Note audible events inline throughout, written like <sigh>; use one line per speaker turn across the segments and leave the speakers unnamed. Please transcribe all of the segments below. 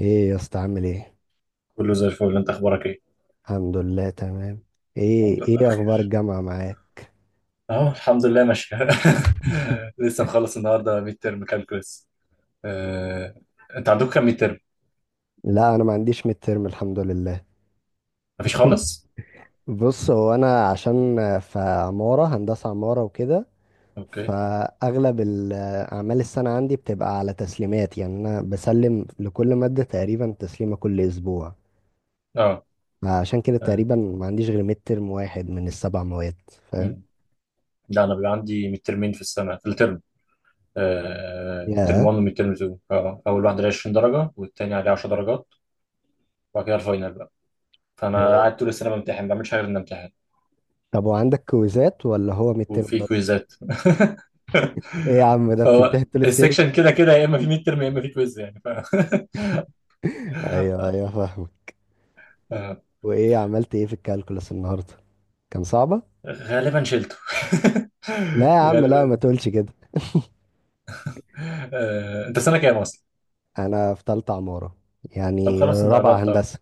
ايه يا اسطى عامل ايه؟
كله زي الفل. انت اخبارك ايه؟
الحمد لله تمام. ايه
الحمد لله
ايه اخبار
بخير.
الجامعه معاك؟
اهو الحمد لله ماشيه. <laughs>
<laughs>
لسه مخلص النهارده ميد ترم كالكولس. آه... انت عندك كام ميد ترم؟
لا، انا ما عنديش ميد ترم الحمد لله.
مفيش خالص؟
بص، هو انا عشان في عماره، هندسه عماره وكده،
اوكي.
فاغلب ال- اعمال السنه عندي بتبقى على تسليمات، يعني انا بسلم لكل ماده تقريبا تسليمه كل اسبوع.
اه.
عشان كده
آه،
تقريبا ما عنديش غير ميد ترم واحد من السبع مواد، فاهم
مم. لا، انا بيبقى عندي ميد ترمين في السنه، في الترم. ميد ترم
يا؟
1 وميد ترم 2. اه اه. اول واحد عليه 20 درجه والتاني عليه 10 درجات، وبعد كده الفاينل بقى. فانا قاعد طول السنه بمتحن، ما بعملش حاجه غير اني امتحن.
طب وعندك كويزات ولا هو ميد ترم
وفي
بس؟
كويزات.
ايه يا عم،
<laughs>
ده
فهو
بتنتهي طول الترم.
السكشن كده كده، يا اما في ميد ترم يا اما في كويز، يعني <laughs>
ايوه، فاهمك.
آه،
وايه عملت ايه في الكالكولس النهارده؟ كان صعبه؟
غالبا شلته.
لا يا
<laughs>
عم، لا، ما
غالبا.
تقولش كده.
آه، انت سنة كام اصلا؟
انا في تالتة عمارة،
طب
يعني
خلاص انت
رابعة
قربت. اه،
هندسة.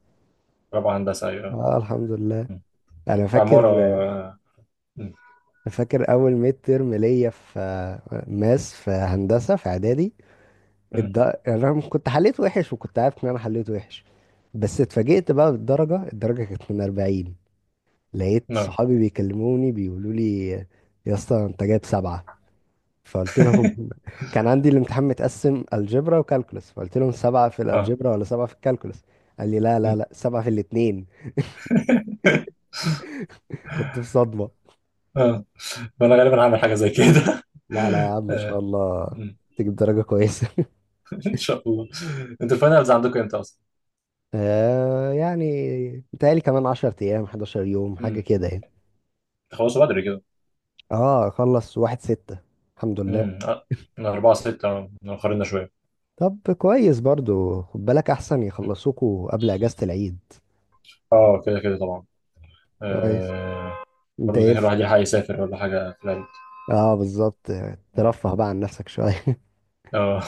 رابعة هندسة، ايوه.
اه، الحمد لله.
م.
انا فاكر،
عمارة. آه، م.
فاكر اول ميد ترم ليا في ماس في هندسة في اعدادي.
م.
انا كنت حليت وحش، وكنت عارف ان انا حليت وحش، بس اتفاجئت بقى بالدرجة، الدرجة كانت من 40. لقيت
نعم.
صحابي بيكلموني بيقولوا لي: يا اسطى انت جايب سبعة. فقلت لهم <laughs> كان عندي الامتحان متقسم الجبرا وكالكولس، فقلت لهم: سبعة في
اه.
الالجبرا ولا سبعة في الكالكولس؟ قال لي لا
م.
لا لا، سبعة في الاتنين. <laughs> كنت في صدمة.
اه، وانا غالبا هعمل حاجة زي كده.
لا لا يا عم،
<laughs>
ان شاء
آه،
الله
م.
تجيب درجة كويسة. <laughs>
<laughs> ان شاء الله. انتوا الفاينلز عندكم امتى اصلا؟
آه يعني متهيألي كمان 10 ايام، 11 يوم، حاجة
م.
كده يعني.
تخلصوا بدري كده.
اه، خلص واحد ستة، الحمد لله.
م. آه، من 4/6. آه، مأخرنا شوية.
طب كويس برضو، خد بالك احسن
م.
يخلصوكوا قبل اجازة العيد.
اه، كده كده طبعا.
كويس.
آه،
انت
برضه
ايه
كده الواحد يلحق يسافر ولا حاجة في العيد.
اه بالظبط،
م.
ترفه بقى عن نفسك شوية.
اه.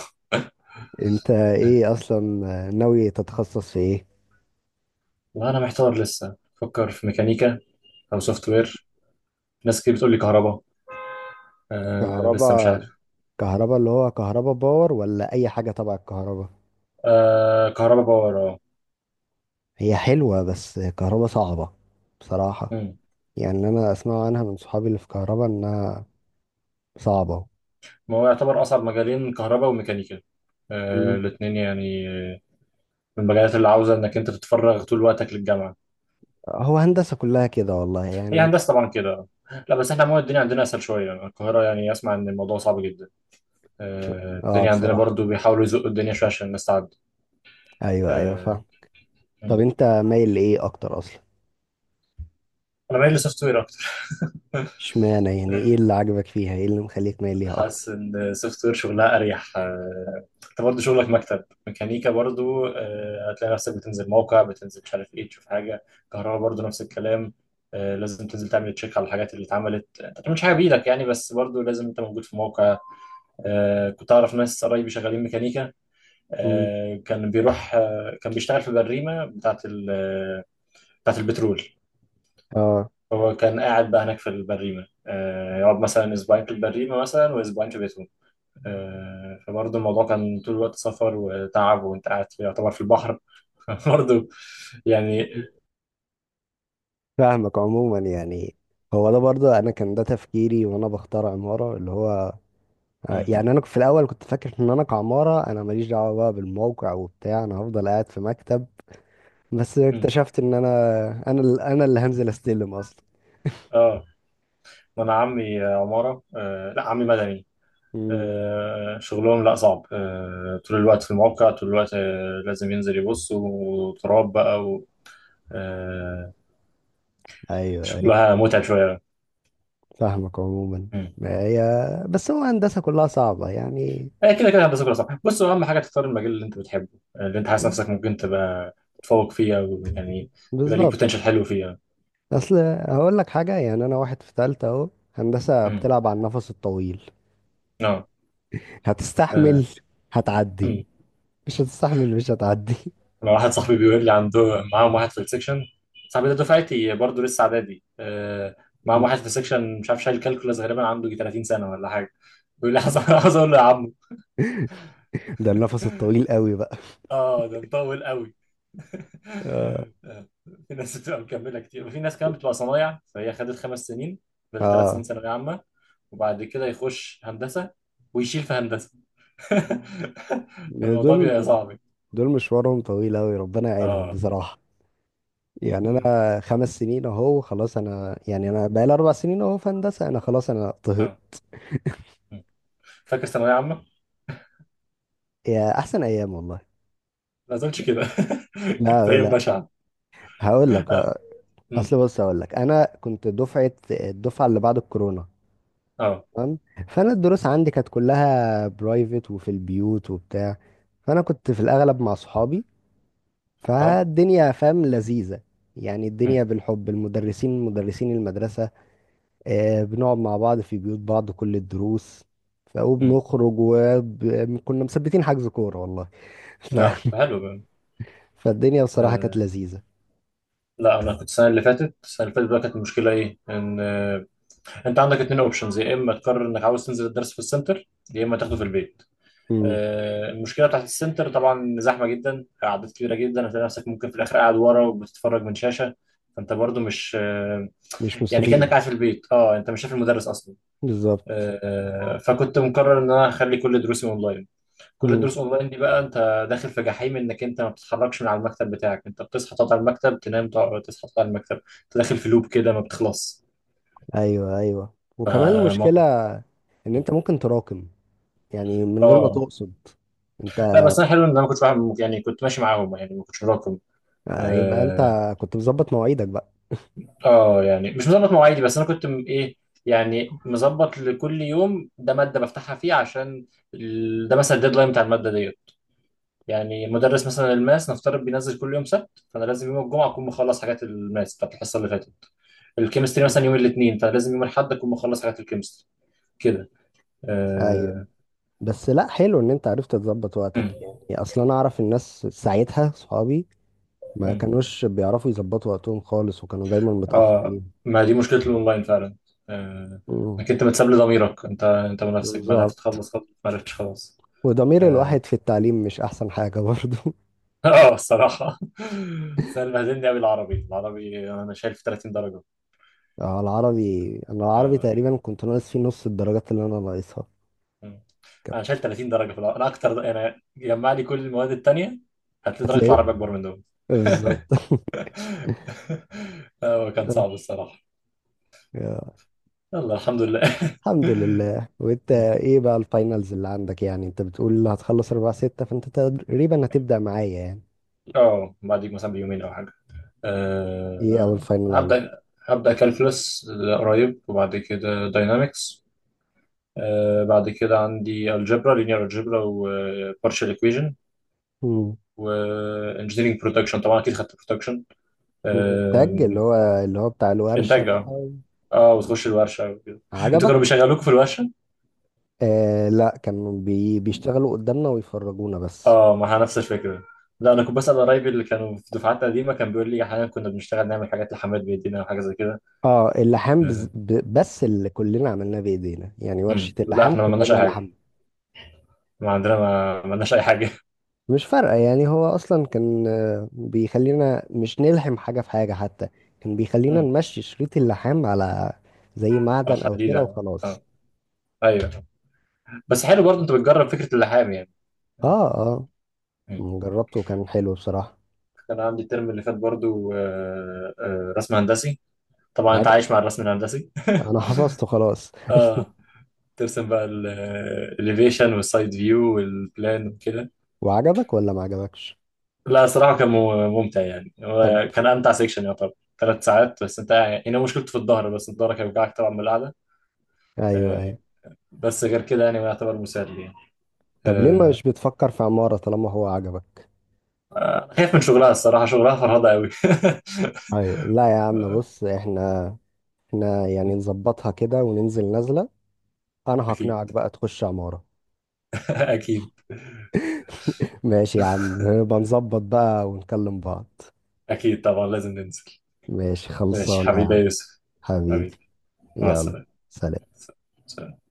انت ايه اصلا، ناوي تتخصص في ايه؟
وانا محتار لسه. بفكر في ميكانيكا او سوفت وير. ناس كتير بتقول لي كهرباء. آه، لسه مش
كهرباء؟
عارف.
كهرباء اللي هو كهرباء باور ولا اي حاجة تبع الكهرباء؟
آه، كهرباء باور، اه.
هي حلوة، بس كهرباء صعبة بصراحة.
مم.
يعني انا اسمع عنها من صحابي اللي في كهرباء انها صعبة.
ما هو يعتبر اصعب مجالين كهرباء وميكانيكا. آه
مم.
الاتنين يعني، من المجالات اللي عاوزه انك انت تتفرغ طول وقتك للجامعه.
هو هندسة كلها كده والله، يعني
هي هندسه طبعا كده. لا بس احنا عموما الدنيا عندنا اسهل شويه، القاهره يعني اسمع ان الموضوع صعب جدا. آه،
اه
الدنيا عندنا
بصراحة.
برضو بيحاولوا يزقوا الدنيا شويه عشان الناس تعدي.
ايوه،
آه.
فاهم. طب
مم.
انت مايل لايه اكتر اصلا؟
انا مايل لسوفت وير اكتر.
اشمعنى،
<laughs>
يعني ايه اللي عجبك فيها، ايه اللي مخليك مايل ليها اكتر؟
حاسس ان سوفت وير شغلها اريح. انت برضه شغلك مكتب ميكانيكا برضه، هتلاقي نفسك بتنزل موقع، بتنزل مش عارف ايه، تشوف حاجه. كهرباء برضه نفس الكلام. آه، لازم تنزل تعمل تشيك على الحاجات اللي اتعملت. انت ما بتعملش حاجه بايدك يعني، بس برضه لازم انت موجود في موقع. كنت اعرف ناس قرايبي شغالين ميكانيكا.
مم.
كان بيروح، كان بيشتغل في البريمه بتاعه بتاعه البترول.
اه
هو كان قاعد بقى هناك في البريمه، يقعد مثلا اسبوعين في البريمه مثلا واسبوعين في بيته. فبرضه الموضوع كان طول الوقت سفر وتعب، وانت قاعد في يعتبر في البحر. <laughs> برضه يعني.
فاهمك عموما يعني. هو ده برضه انا كان ده تفكيري وانا بختار عماره، اللي هو
مم،
يعني انا في الاول كنت فاكر ان انا كعماره انا ماليش دعوه بقى بالموقع وبتاع، انا هفضل قاعد في مكتب. بس
مم.
اكتشفت ان انا انا اللي هنزل استلم اصلا.
اه، ما انا عمي عمارة. لا عمي مدني.
مم.
شغلهم لا صعب، طول الوقت في الموقع، طول الوقت، لازم ينزل يبص وتراب بقى و آه،
ايوه،
شغلها متعب شوية.
فاهمك عموما.
مم.
ما هي، بس هو هندسه كلها صعبه يعني.
آه، كده كده هندسة كلها صعب. بص، هو أهم حاجة تختار المجال اللي أنت بتحبه، اللي أنت حاسس نفسك ممكن تبقى تتفوق فيه، أو يعني يبقى ليك
بالظبط.
بوتنشال حلو فيه يعني.
اصل هقول لك حاجه، يعني انا واحد في ثالثه اهو، هندسه
مم.
بتلعب على النفس الطويل.
اه. آه،
هتستحمل هتعدي،
مم.
مش هتستحمل مش هتعدي.
انا واحد صاحبي بيقول لي عنده، معاهم واحد في السكشن. صاحبي ده دفعتي برضه، لسه اعدادي. آه، معاهم واحد في
<laughs>
السكشن مش عارف، شايل كالكولاس غالبا، عنده يجي 30 سنه ولا حاجه. بيقول لي <laughs> عايز اقول له يا عم.
ده النفس الطويل قوي بقى.
اه، ده مطول قوي. <laughs>
آه.
آه، في ناس بتبقى مكمله كتير، وفي ناس كمان بتبقى صنايع، فهي خدت 5 سنين، فضل 3 سنين
اه
ثانويه عامه، وبعد كده يخش هندسه ويشيل في هندسه. <laughs> الموضوع
دول،
بيبقى صعب.
دول مشوارهم طويل قوي، ربنا يعينهم
اه.
بصراحة. يعني
مم.
انا خمس سنين اهو خلاص، انا يعني انا بقالي اربع سنين اهو في هندسة، انا خلاص انا طهق.
اه. مم. فاكر ثانويه عامه؟
يا احسن ايام والله.
ما اظنش كده. <laughs> كانت
لا
هي
لا،
بشعة.
هقول لك.
اه. امم.
اصل بص هقول لك، انا كنت دفعة الدفعة اللي بعد الكورونا،
اه.
تمام. فانا الدروس عندي كانت كلها برايفت وفي البيوت وبتاع، فانا كنت في الاغلب مع صحابي،
اه.
فالدنيا فاهم لذيذة. يعني
امم.
الدنيا بالحب، المدرسين مدرسين المدرسة، بنقعد مع بعض في بيوت بعض كل الدروس
امم.
وبنخرج، وكنا مثبتين حجز كورة والله. <laughs> ف...
نعم، حلو بقى.
فالدنيا بصراحة كانت
آه.
لذيذة.
لا، انا كنت السنه اللي فاتت، بقى كانت المشكله ايه، ان آه. انت عندك اتنين اوبشنز، يا اما تقرر انك عاوز تنزل الدرس في السنتر، يا اما تاخده في البيت.
مم.
آه. المشكله بتاعت السنتر طبعا زحمه جدا، اعداد كبيره جدا، هتلاقي نفسك ممكن في الاخر قاعد ورا وبتتفرج من شاشه. فانت برضو مش آه،
مش
يعني كانك
مستفيد.
قاعد في البيت. اه، انت مش شايف المدرس اصلا.
بالظبط.
آه، فكنت مقرر ان انا هخلي كل دروسي اونلاين. كل
مم.
الدروس اونلاين دي بقى انت داخل في جحيم، انك انت ما بتتحركش من على المكتب بتاعك، انت بتصحى تقعد على المكتب، تنام تقعد، تصحى تقعد على المكتب، انت داخل في لوب كده ما بتخلص.
ايوه وكمان
آه،
المشكلة
موضوع.
ان انت ممكن تراكم، يعني من غير ما
اه.
تقصد. انت
لا بس انا حلو ان انا ما كنتش بعمل، يعني كنت ماشي معاهم يعني، ما كنتش وراكم.
يبقى انت
اه.
كنت مظبط مواعيدك بقى.
آه، يعني مش مظبط مواعيدي، بس انا كنت ايه، يعني مظبط لكل يوم ده ماده بفتحها فيه عشان ده مثلا الديدلاين بتاع الماده دي. يعني مدرس مثلا الماس نفترض بينزل كل يوم سبت، فانا لازم يوم الجمعه اكون مخلص حاجات الماس بتاعت الحصه اللي فاتت. الكيمستري
مم.
مثلا يوم الاثنين، فانا لازم يوم الاحد اكون مخلص حاجات الكيمستري كده.
ايوه.
اه.
بس لا، حلو ان انت عرفت تظبط
مم.
وقتك. يعني اصلا انا اعرف الناس ساعتها، صحابي ما
مم.
كانوش بيعرفوا يظبطوا وقتهم خالص، وكانوا دايما
آه،
متأخرين.
ما دي مشكله الاونلاين فعلا. آه،
مم.
انك انت متساب لضميرك، انت ونفسك بقى، عرفت
بالظبط.
تخلص خلاص، ما عرفتش خلاص.
وضمير
اه.
الواحد في التعليم مش احسن حاجة برضو. <laughs>
<laughs> آه، الصراحه. <laughs> بس انا بهدلني قوي العربي. انا شايل في 30 درجه.
العربي، انا العربي
اه.
تقريبا كنت ناقص فيه نص الدرجات اللي انا ناقصها.
مم. انا
كانت-
شايل 30 درجه في انا اكتر، انا جمع لي كل المواد التانيه، هتلاقي درجه
هتلاقيه،
العربي اكبر من دول.
بالظبط.
<laughs> هو
<laughs>
كان
آه،
صعب الصراحه.
يا.
يلا الحمد لله. <laughs>
الحمد لله. وانت
مم.
ايه بقى الفاينلز اللي عندك؟ يعني انت بتقول هتخلص 4 6، فانت تقريبا هتبدأ معايا يعني.
اه، بعديك مثلا بيومين او حاجه.
ايه اول
أه،
فاينل
هبدا. هبدا كالكولس قريب، وبعد كده داينامكس. أه، بعد كده عندي الجبرا لينير، الجبرا وبارشال ايكويجن،
عندك؟
وانجينيرنج برودكشن طبعا، اكيد خدت برودكشن.
الانتاج، اللي
أه،
هو اللي هو بتاع الورشة
انتاج.
بقى.
اه اه،
آه.
وتخش الورشه وكده. انتوا كانوا
عجبك؟
بيشغلوكوا في الورشه؟
آه لا، كانوا بيشتغلوا قدامنا ويفرجونا بس.
اه، ما هي نفس الفكره. لا، انا كنت بسال قرايبي اللي كانوا في دفعات قديمه، كان بيقول لي احيانا كنا بنشتغل نعمل حاجات لحماد بيدينا وحاجه زي كده.
اه، اللحام
آه.
بس اللي كلنا عملناه بايدينا، يعني ورشة
مم. لا
اللحام
احنا ما عملناش
كلنا
اي حاجه.
لحم.
ما عندنا ما عملناش اي حاجه.
مش فارقة يعني، هو اصلا كان بيخلينا مش نلحم حاجة في حاجة حتى، كان
<laughs>
بيخلينا
مم.
نمشي شريط اللحام على زي
على
معدن او كده
حديده.
وخلاص.
اه. ايوه. بس حلو برضه انت بتجرب فكره اللحام يعني.
اه،
مم.
جربته وكان حلو بصراحة.
كان عندي الترم اللي فات برضه، رسم هندسي. طبعا انت
عج...
عايش مع الرسم الهندسي.
انا <laughs> حفظته خلاص.
اه، ترسم بقى الاليفيشن والسايد فيو والبلان وكده.
وعجبك ولا ما عجبكش؟
لا صراحة كان ممتع يعني،
طب،
هو كان أمتع سيكشن يعتبر. 3 ساعات بس، أنت يعني هنا مشكلته في الظهر بس، الظهر كان بيوجعك طبعا من القعدة.
ايوه
آه،
ايوه
بس غير كده يعني هو يعتبر مسلي يعني.
طب ليه
آه،
مش بتفكر في عمارة طالما هو عجبك؟
خايف من شغلها الصراحة، شغلها فرهضة قوي. <laughs>
ايوه لا يا عم، بص احنا يعني نظبطها كده وننزل نازلة، انا
أكيد.
هقنعك بقى تخش عمارة.
<laughs> أكيد.
<laughs> ماشي يا عم، بنظبط بقى ونكلم بعض.
أكيد طبعا لازم ننزل.
ماشي،
ماشي
خلصانة يا
حبيبي
عم.
يا يوسف.
حبيبي.
حبيبي. مع
يلا،
السلامة.
سلام.
سلام.